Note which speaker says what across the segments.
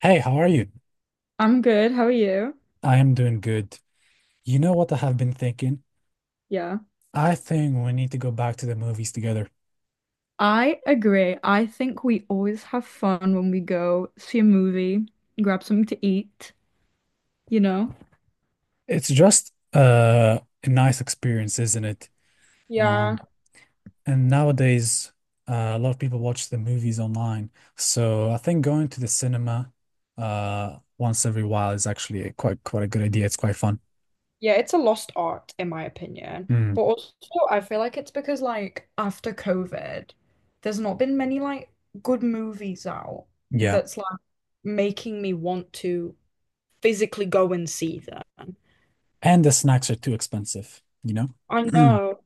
Speaker 1: Hey, how are you?
Speaker 2: I'm good. How are you?
Speaker 1: I am doing good. You know what I have been thinking?
Speaker 2: Yeah.
Speaker 1: I think we need to go back to the movies together.
Speaker 2: I agree. I think we always have fun when we go see a movie, grab something to eat, you know?
Speaker 1: It's just a nice experience, isn't it?
Speaker 2: Yeah.
Speaker 1: Um, and nowadays, a lot of people watch the movies online. So I think going to the cinema once every while is actually a quite a good idea. It's quite fun.
Speaker 2: Yeah, it's a lost art in my opinion.
Speaker 1: Mm,
Speaker 2: But also I feel like it's because like after COVID, there's not been many like good movies out
Speaker 1: yeah.
Speaker 2: that's like making me want to physically go and see them.
Speaker 1: And the snacks are too expensive, you
Speaker 2: I
Speaker 1: know?
Speaker 2: know.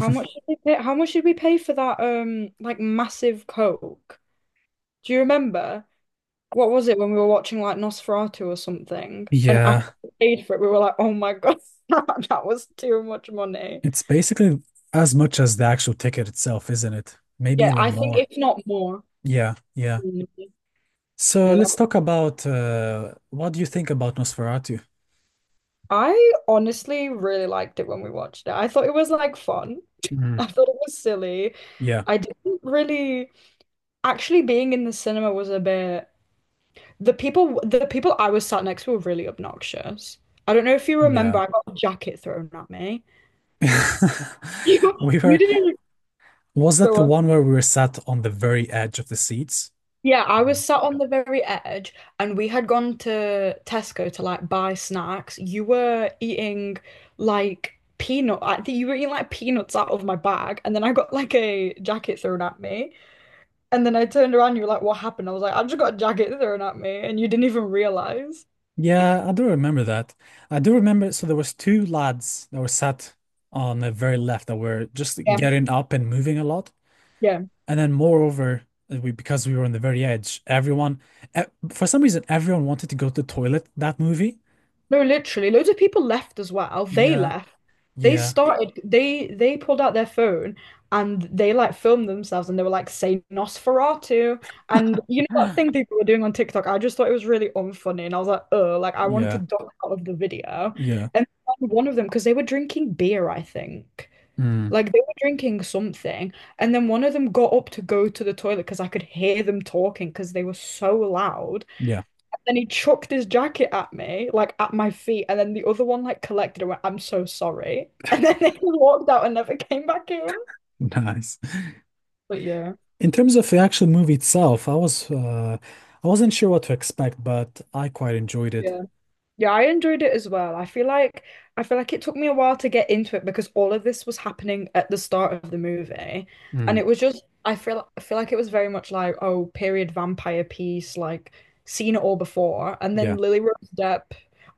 Speaker 2: How much did we pay? How much did we pay for that like massive Coke? Do you remember what was it when we were watching like Nosferatu or something? And after
Speaker 1: Yeah.
Speaker 2: we paid for it, we were like, oh my God, that was too much money.
Speaker 1: It's basically as much as the actual ticket itself, isn't it? Maybe
Speaker 2: Yeah,
Speaker 1: even
Speaker 2: I think
Speaker 1: more.
Speaker 2: if not more.
Speaker 1: Yeah, yeah.
Speaker 2: Mm.
Speaker 1: So
Speaker 2: Yeah, that,
Speaker 1: let's talk about what do you think about Nosferatu?
Speaker 2: I honestly really liked it when we watched it. I thought it was like fun.
Speaker 1: Mm.
Speaker 2: I thought it was silly.
Speaker 1: Yeah,
Speaker 2: I didn't really actually being in the cinema was a bit the people I was sat next to were really obnoxious. I don't know if you remember,
Speaker 1: yeah.
Speaker 2: I got a jacket thrown at me. You
Speaker 1: We
Speaker 2: you
Speaker 1: were,
Speaker 2: didn't even
Speaker 1: was that the
Speaker 2: go
Speaker 1: one where we were sat on the very edge of the seats?
Speaker 2: Yeah, I
Speaker 1: Yeah.
Speaker 2: was sat on the very edge and we had gone to Tesco to like buy snacks. You were eating like peanut, I think you were eating like peanuts out of my bag. And then I got like a jacket thrown at me. And then I turned around, you were like, what happened? I was like, I just got a jacket thrown at me. And you didn't even realize.
Speaker 1: Yeah, I do remember that. I do remember, so there was two lads that were sat on the very left that were just
Speaker 2: Yeah.
Speaker 1: getting up and moving a lot.
Speaker 2: Yeah.
Speaker 1: And then moreover, we because we were on the very edge, everyone e- for some reason everyone wanted to go to the toilet that movie.
Speaker 2: No, literally, loads of people left as well. They
Speaker 1: Yeah,
Speaker 2: left. They yeah,
Speaker 1: yeah.
Speaker 2: started. They pulled out their phone and they like filmed themselves and they were like saying Nosferatu, and you know that thing people were doing on TikTok. I just thought it was really unfunny and I was like, oh, like I wanted to
Speaker 1: Yeah,
Speaker 2: duck out of the video.
Speaker 1: yeah.
Speaker 2: And then one of them, because they were drinking beer, I think.
Speaker 1: Mm,
Speaker 2: Like they were drinking something, and then one of them got up to go to the toilet because I could hear them talking because they were so loud.
Speaker 1: yeah,
Speaker 2: Then he chucked his jacket at me, like at my feet, and then the other one like collected and went, I'm so sorry. And then he walked out and never came back in.
Speaker 1: nice.
Speaker 2: But yeah,
Speaker 1: In terms of the actual movie itself, I wasn't sure what to expect, but I quite enjoyed it.
Speaker 2: yeah. Yeah, I enjoyed it as well. I feel like it took me a while to get into it because all of this was happening at the start of the movie. And
Speaker 1: Mm,
Speaker 2: it was just I feel like it was very much like, oh, period vampire piece, like seen it all before. And then
Speaker 1: yeah.
Speaker 2: Lily Rose Depp,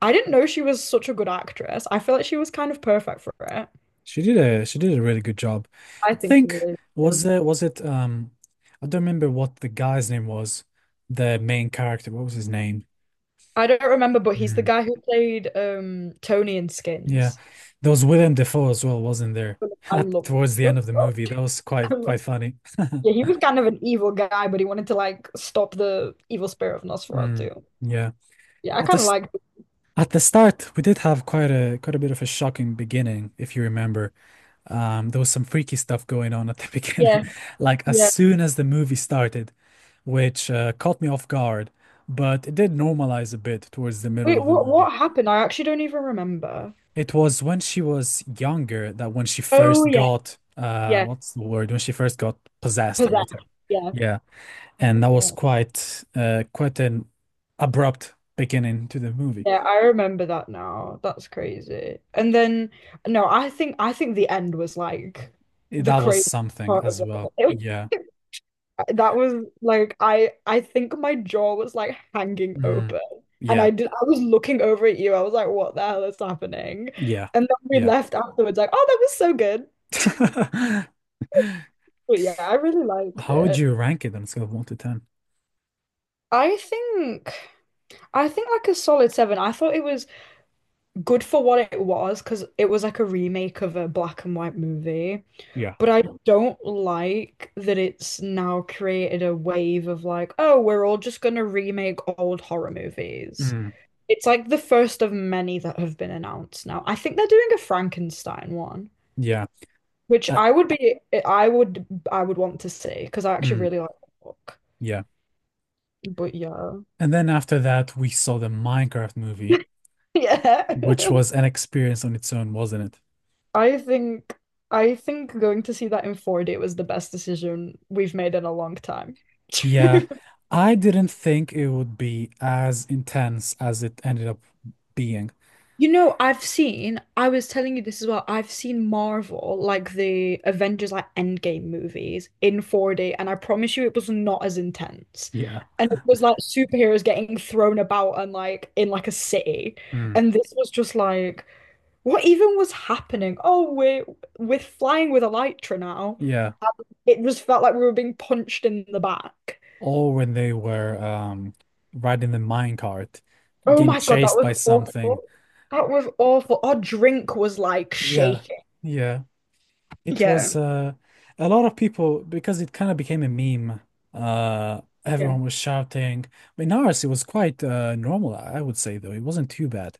Speaker 2: I didn't know she was such a good actress. I feel like she was kind of perfect for it.
Speaker 1: She did a really good job.
Speaker 2: I
Speaker 1: I
Speaker 2: think she
Speaker 1: think
Speaker 2: really is.
Speaker 1: was it I don't remember what the guy's name was, the main character. What was his name?
Speaker 2: I don't remember, but he's the guy who played Tony in
Speaker 1: Yeah.
Speaker 2: Skins.
Speaker 1: There was Willem Dafoe as well, wasn't there?
Speaker 2: I
Speaker 1: At,
Speaker 2: love
Speaker 1: towards the end of the movie.
Speaker 2: it.
Speaker 1: That was quite funny.
Speaker 2: Yeah, he was kind of an evil guy, but he wanted to like stop the evil spirit of
Speaker 1: Mm,
Speaker 2: Nosferatu.
Speaker 1: yeah.
Speaker 2: Yeah, I
Speaker 1: At the
Speaker 2: kind of
Speaker 1: s-
Speaker 2: liked it.
Speaker 1: at the start, we did have quite a bit of a shocking beginning, if you remember. There was some freaky stuff going on at the beginning.
Speaker 2: Yeah,
Speaker 1: Like as
Speaker 2: yeah.
Speaker 1: soon as the movie started, which caught me off guard, but it did normalize a bit towards the middle
Speaker 2: Wait,
Speaker 1: of the
Speaker 2: what
Speaker 1: movie.
Speaker 2: what happened? I actually don't even remember.
Speaker 1: It was when she was younger that when she
Speaker 2: Oh
Speaker 1: first
Speaker 2: yeah,
Speaker 1: got
Speaker 2: yeah.
Speaker 1: what's the word? When she first got possessed or
Speaker 2: Possessed.
Speaker 1: whatever.
Speaker 2: Yeah.
Speaker 1: Yeah. And that was
Speaker 2: Okay.
Speaker 1: quite an abrupt beginning to the movie.
Speaker 2: Yeah, I remember that now. That's crazy. And then no, I think the end was like the
Speaker 1: That was
Speaker 2: crazy
Speaker 1: something
Speaker 2: part of
Speaker 1: as
Speaker 2: it
Speaker 1: well.
Speaker 2: all.
Speaker 1: Yeah.
Speaker 2: That was like I think my jaw was like hanging
Speaker 1: Mm.
Speaker 2: open. And I
Speaker 1: Yeah.
Speaker 2: did I was looking over at you. I was like, what the hell is happening?
Speaker 1: Yeah.
Speaker 2: And then we
Speaker 1: Yeah.
Speaker 2: left afterwards like, oh, that was so good. But yeah, I really liked
Speaker 1: How would
Speaker 2: it.
Speaker 1: you rank it on a scale of one to ten?
Speaker 2: I think I think like a solid seven. I thought it was good for what it was because it was like a remake of a black and white movie.
Speaker 1: Yeah.
Speaker 2: But I don't like that it's now created a wave of like, oh, we're all just gonna remake old horror movies.
Speaker 1: Mm.
Speaker 2: It's like the first of many that have been announced now. I think they're doing a Frankenstein one,
Speaker 1: Yeah.
Speaker 2: which
Speaker 1: Uh,
Speaker 2: I would be, I would want to see because I actually
Speaker 1: mm.
Speaker 2: really like the book.
Speaker 1: Yeah.
Speaker 2: But yeah,
Speaker 1: And then after that, we saw the Minecraft movie,
Speaker 2: yeah.
Speaker 1: which was an experience on its own, wasn't it?
Speaker 2: I think, I think going to see that in 4D was the best decision we've made in a long time.
Speaker 1: Yeah. I didn't think it would be as intense as it ended up being.
Speaker 2: You know, I've seen, I was telling you this as well. I've seen Marvel, like the Avengers, like Endgame movies in 4D, and I promise you it was not as intense.
Speaker 1: Yeah.
Speaker 2: And it was like superheroes getting thrown about and like in like a city.
Speaker 1: Mm.
Speaker 2: And this was just like, what even was happening? Oh, we're flying with Elytra now.
Speaker 1: Yeah.
Speaker 2: It just felt like we were being punched in the back.
Speaker 1: Or when they were riding the minecart,
Speaker 2: Oh
Speaker 1: getting
Speaker 2: my God, that
Speaker 1: chased
Speaker 2: was
Speaker 1: by something.
Speaker 2: awful. That was awful. Our drink was like
Speaker 1: Yeah.
Speaker 2: shaking.
Speaker 1: Yeah. It
Speaker 2: Yeah.
Speaker 1: was a lot of people because it kind of became a meme. Everyone was shouting. In ours it was quite normal, I would say though. It wasn't too bad.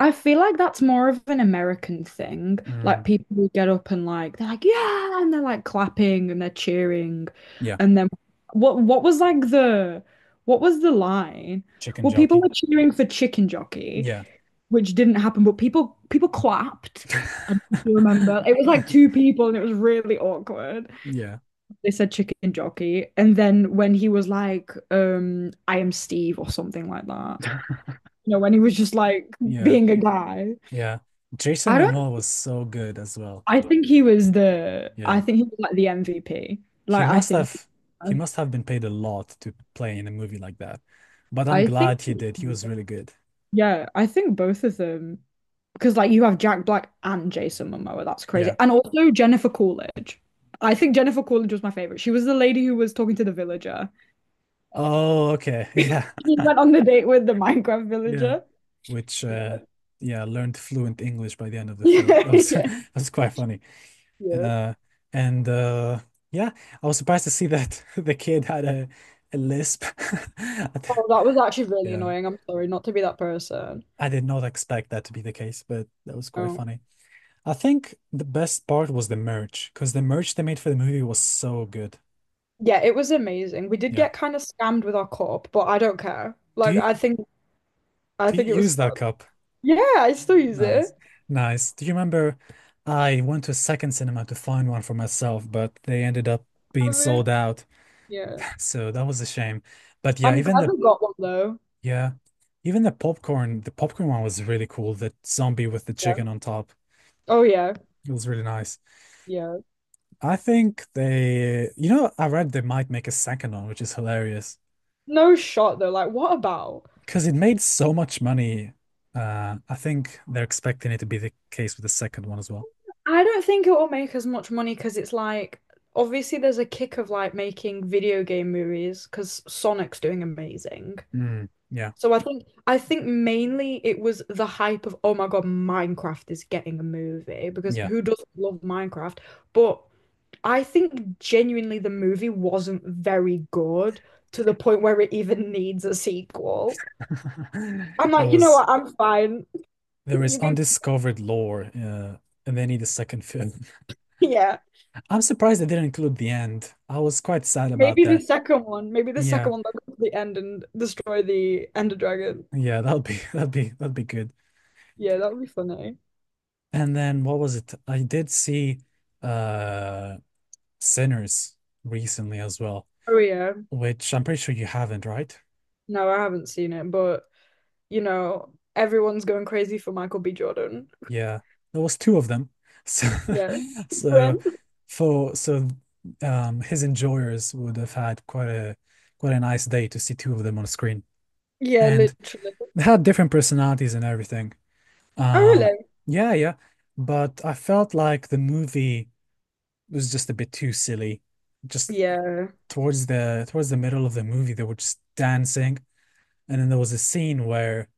Speaker 2: I feel like that's more of an American thing.
Speaker 1: Mm.
Speaker 2: Like people who get up and like they're like, yeah, and they're like clapping and they're cheering.
Speaker 1: Yeah.
Speaker 2: And then what was like the what was the line?
Speaker 1: Chicken
Speaker 2: Well, people
Speaker 1: jockey.
Speaker 2: were cheering for chicken jockey,
Speaker 1: Yeah.
Speaker 2: which didn't happen, but people clapped. I don't know if you remember. It was like two people and it was really awkward.
Speaker 1: Yeah.
Speaker 2: They said chicken jockey. And then when he was like, I am Steve or something like that. You know, when he was just like
Speaker 1: Yeah.
Speaker 2: being a guy.
Speaker 1: Yeah. Jason
Speaker 2: I don't
Speaker 1: Momoa was so good as well.
Speaker 2: I think he was the I
Speaker 1: Yeah.
Speaker 2: think he was like the MVP.
Speaker 1: He
Speaker 2: Like I
Speaker 1: must
Speaker 2: think
Speaker 1: have he must have been paid a lot to play in a movie like that. But I'm
Speaker 2: I think
Speaker 1: glad he did. He was really good.
Speaker 2: yeah, I think both of them because like you have Jack Black and Jason Momoa, that's crazy.
Speaker 1: Yeah.
Speaker 2: And also Jennifer Coolidge. I think Jennifer Coolidge was my favorite. She was the lady who was talking to the villager.
Speaker 1: Oh, okay. Yeah.
Speaker 2: He went on the date with the Minecraft
Speaker 1: Yeah.
Speaker 2: villager.
Speaker 1: Which
Speaker 2: Yeah.
Speaker 1: yeah, learned fluent English by the end of the film. That
Speaker 2: Yeah.
Speaker 1: was
Speaker 2: Yeah.
Speaker 1: that was quite funny.
Speaker 2: Yeah.
Speaker 1: Uh and yeah, I was surprised to see that the kid had a lisp. I d-
Speaker 2: Oh, that was actually really
Speaker 1: Yeah.
Speaker 2: annoying. I'm sorry not to be that person.
Speaker 1: I did not expect that to be the case, but that was quite
Speaker 2: Oh.
Speaker 1: funny. I think the best part was the merch, because the merch they made for the movie was so good.
Speaker 2: Yeah, it was amazing. We did
Speaker 1: Yeah.
Speaker 2: get kind of scammed with our corp, but I don't care.
Speaker 1: Do
Speaker 2: Like
Speaker 1: you
Speaker 2: I think I
Speaker 1: do you
Speaker 2: think it was
Speaker 1: use that
Speaker 2: fun.
Speaker 1: cup?
Speaker 2: Yeah, I still use
Speaker 1: Nice.
Speaker 2: it.
Speaker 1: Nice. Do you remember I went to a second cinema to find one for myself, but they ended up being
Speaker 2: I mean,
Speaker 1: sold out.
Speaker 2: yeah.
Speaker 1: So that was a shame. But yeah,
Speaker 2: I'm
Speaker 1: even
Speaker 2: glad
Speaker 1: the
Speaker 2: we got one though.
Speaker 1: yeah, even the popcorn one was really cool. The zombie with the chicken
Speaker 2: Yeah.
Speaker 1: on top.
Speaker 2: Oh yeah.
Speaker 1: It was really nice.
Speaker 2: Yeah.
Speaker 1: I think they, you know, I read they might make a second one, which is hilarious.
Speaker 2: No shot though. Like, what about?
Speaker 1: Because it made so much money. I think they're expecting it to be the case with the second one as well.
Speaker 2: I don't think it will make as much money because it's like obviously there's a kick of like making video game movies because Sonic's doing amazing.
Speaker 1: Mm, yeah,
Speaker 2: So I think mainly it was the hype of oh my God, Minecraft is getting a movie because
Speaker 1: yeah.
Speaker 2: who doesn't love Minecraft? But I think genuinely the movie wasn't very good to the point where it even needs a sequel. I'm
Speaker 1: There
Speaker 2: like, you know
Speaker 1: was
Speaker 2: what? I'm fine.
Speaker 1: there is
Speaker 2: You can,
Speaker 1: undiscovered lore, and they need a second film.
Speaker 2: yeah.
Speaker 1: I'm surprised they didn't include the end. I was quite sad about
Speaker 2: Maybe the
Speaker 1: that.
Speaker 2: second one. Maybe the
Speaker 1: Yeah,
Speaker 2: second one that goes to the end and destroy the Ender Dragon.
Speaker 1: yeah. That'll be that'll be good.
Speaker 2: Yeah, that would be funny.
Speaker 1: And then what was it? I did see uh Sinners recently as well,
Speaker 2: Oh yeah.
Speaker 1: which I'm pretty sure you haven't, right?
Speaker 2: No, I haven't seen it, but you know, everyone's going crazy for Michael B. Jordan.
Speaker 1: Yeah, there was two of them. So,
Speaker 2: Yeah.
Speaker 1: so
Speaker 2: When?
Speaker 1: so his enjoyers would have had quite a nice day to see two of them on screen,
Speaker 2: Yeah,
Speaker 1: and
Speaker 2: literally.
Speaker 1: they had different personalities and everything.
Speaker 2: Oh,
Speaker 1: Um,
Speaker 2: really?
Speaker 1: yeah, yeah, but I felt like the movie was just a bit too silly. Just
Speaker 2: Yeah.
Speaker 1: towards the middle of the movie, they were just dancing, and then there was a scene where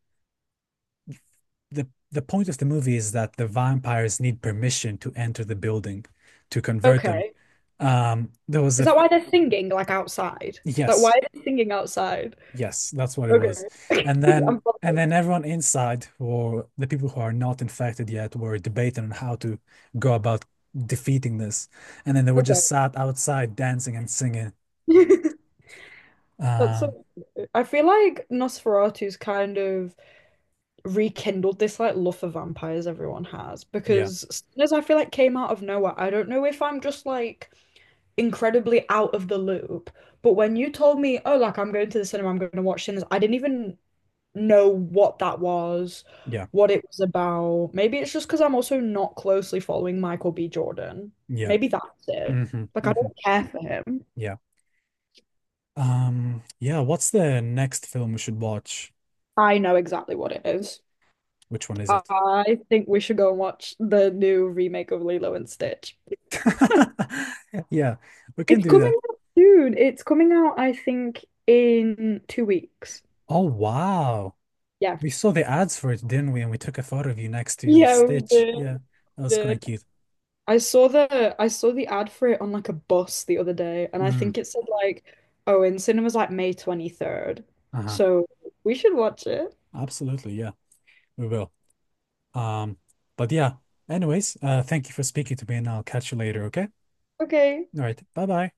Speaker 1: the point of the movie is that the vampires need permission to enter the building to convert them.
Speaker 2: Okay.
Speaker 1: There was
Speaker 2: Is
Speaker 1: a
Speaker 2: that why they're singing like outside? Like, why
Speaker 1: Yes,
Speaker 2: are they singing outside?
Speaker 1: yes, that's what it was.
Speaker 2: Okay.
Speaker 1: And
Speaker 2: I'm
Speaker 1: then and
Speaker 2: following.
Speaker 1: then everyone inside, or the people who are not infected yet, were debating on how to go about defeating this. And then they were
Speaker 2: Okay.
Speaker 1: just sat outside dancing and singing.
Speaker 2: That's so.
Speaker 1: Um,
Speaker 2: I feel like Nosferatu's kind of rekindled this like love for vampires everyone has
Speaker 1: yeah,
Speaker 2: because Sinners I feel like came out of nowhere. I don't know if I'm just like incredibly out of the loop. But when you told me, oh, like I'm going to the cinema, I'm going to watch Sinners, I didn't even know what that was,
Speaker 1: yeah,
Speaker 2: what it was about. Maybe it's just because I'm also not closely following Michael B. Jordan.
Speaker 1: yeah.
Speaker 2: Maybe that's it.
Speaker 1: Hmm.
Speaker 2: Like I
Speaker 1: Hmm.
Speaker 2: don't care for him.
Speaker 1: Yeah. Yeah, what's the next film we should watch?
Speaker 2: I know exactly what it is.
Speaker 1: Which one is it?
Speaker 2: I think we should go and watch the new remake of Lilo and Stitch.
Speaker 1: Yeah, we can
Speaker 2: It's
Speaker 1: do
Speaker 2: coming
Speaker 1: that.
Speaker 2: out soon. It's coming out, I think, in 2 weeks.
Speaker 1: Oh, wow.
Speaker 2: Yeah.
Speaker 1: We saw the ads for it, didn't we? And we took a photo of you next to
Speaker 2: Yeah, we
Speaker 1: Stitch.
Speaker 2: did.
Speaker 1: Yeah, that was
Speaker 2: Did.
Speaker 1: quite cute.
Speaker 2: I saw the ad for it on like a bus the other day, and I
Speaker 1: Mm,
Speaker 2: think it said like, oh, in cinemas like May 23rd.
Speaker 1: uh-huh.
Speaker 2: So we should watch it.
Speaker 1: Absolutely. Yeah, we will. Um, but yeah, anyways, thank you for speaking to me and I'll catch you later, okay?
Speaker 2: Okay.
Speaker 1: All right. Bye-bye.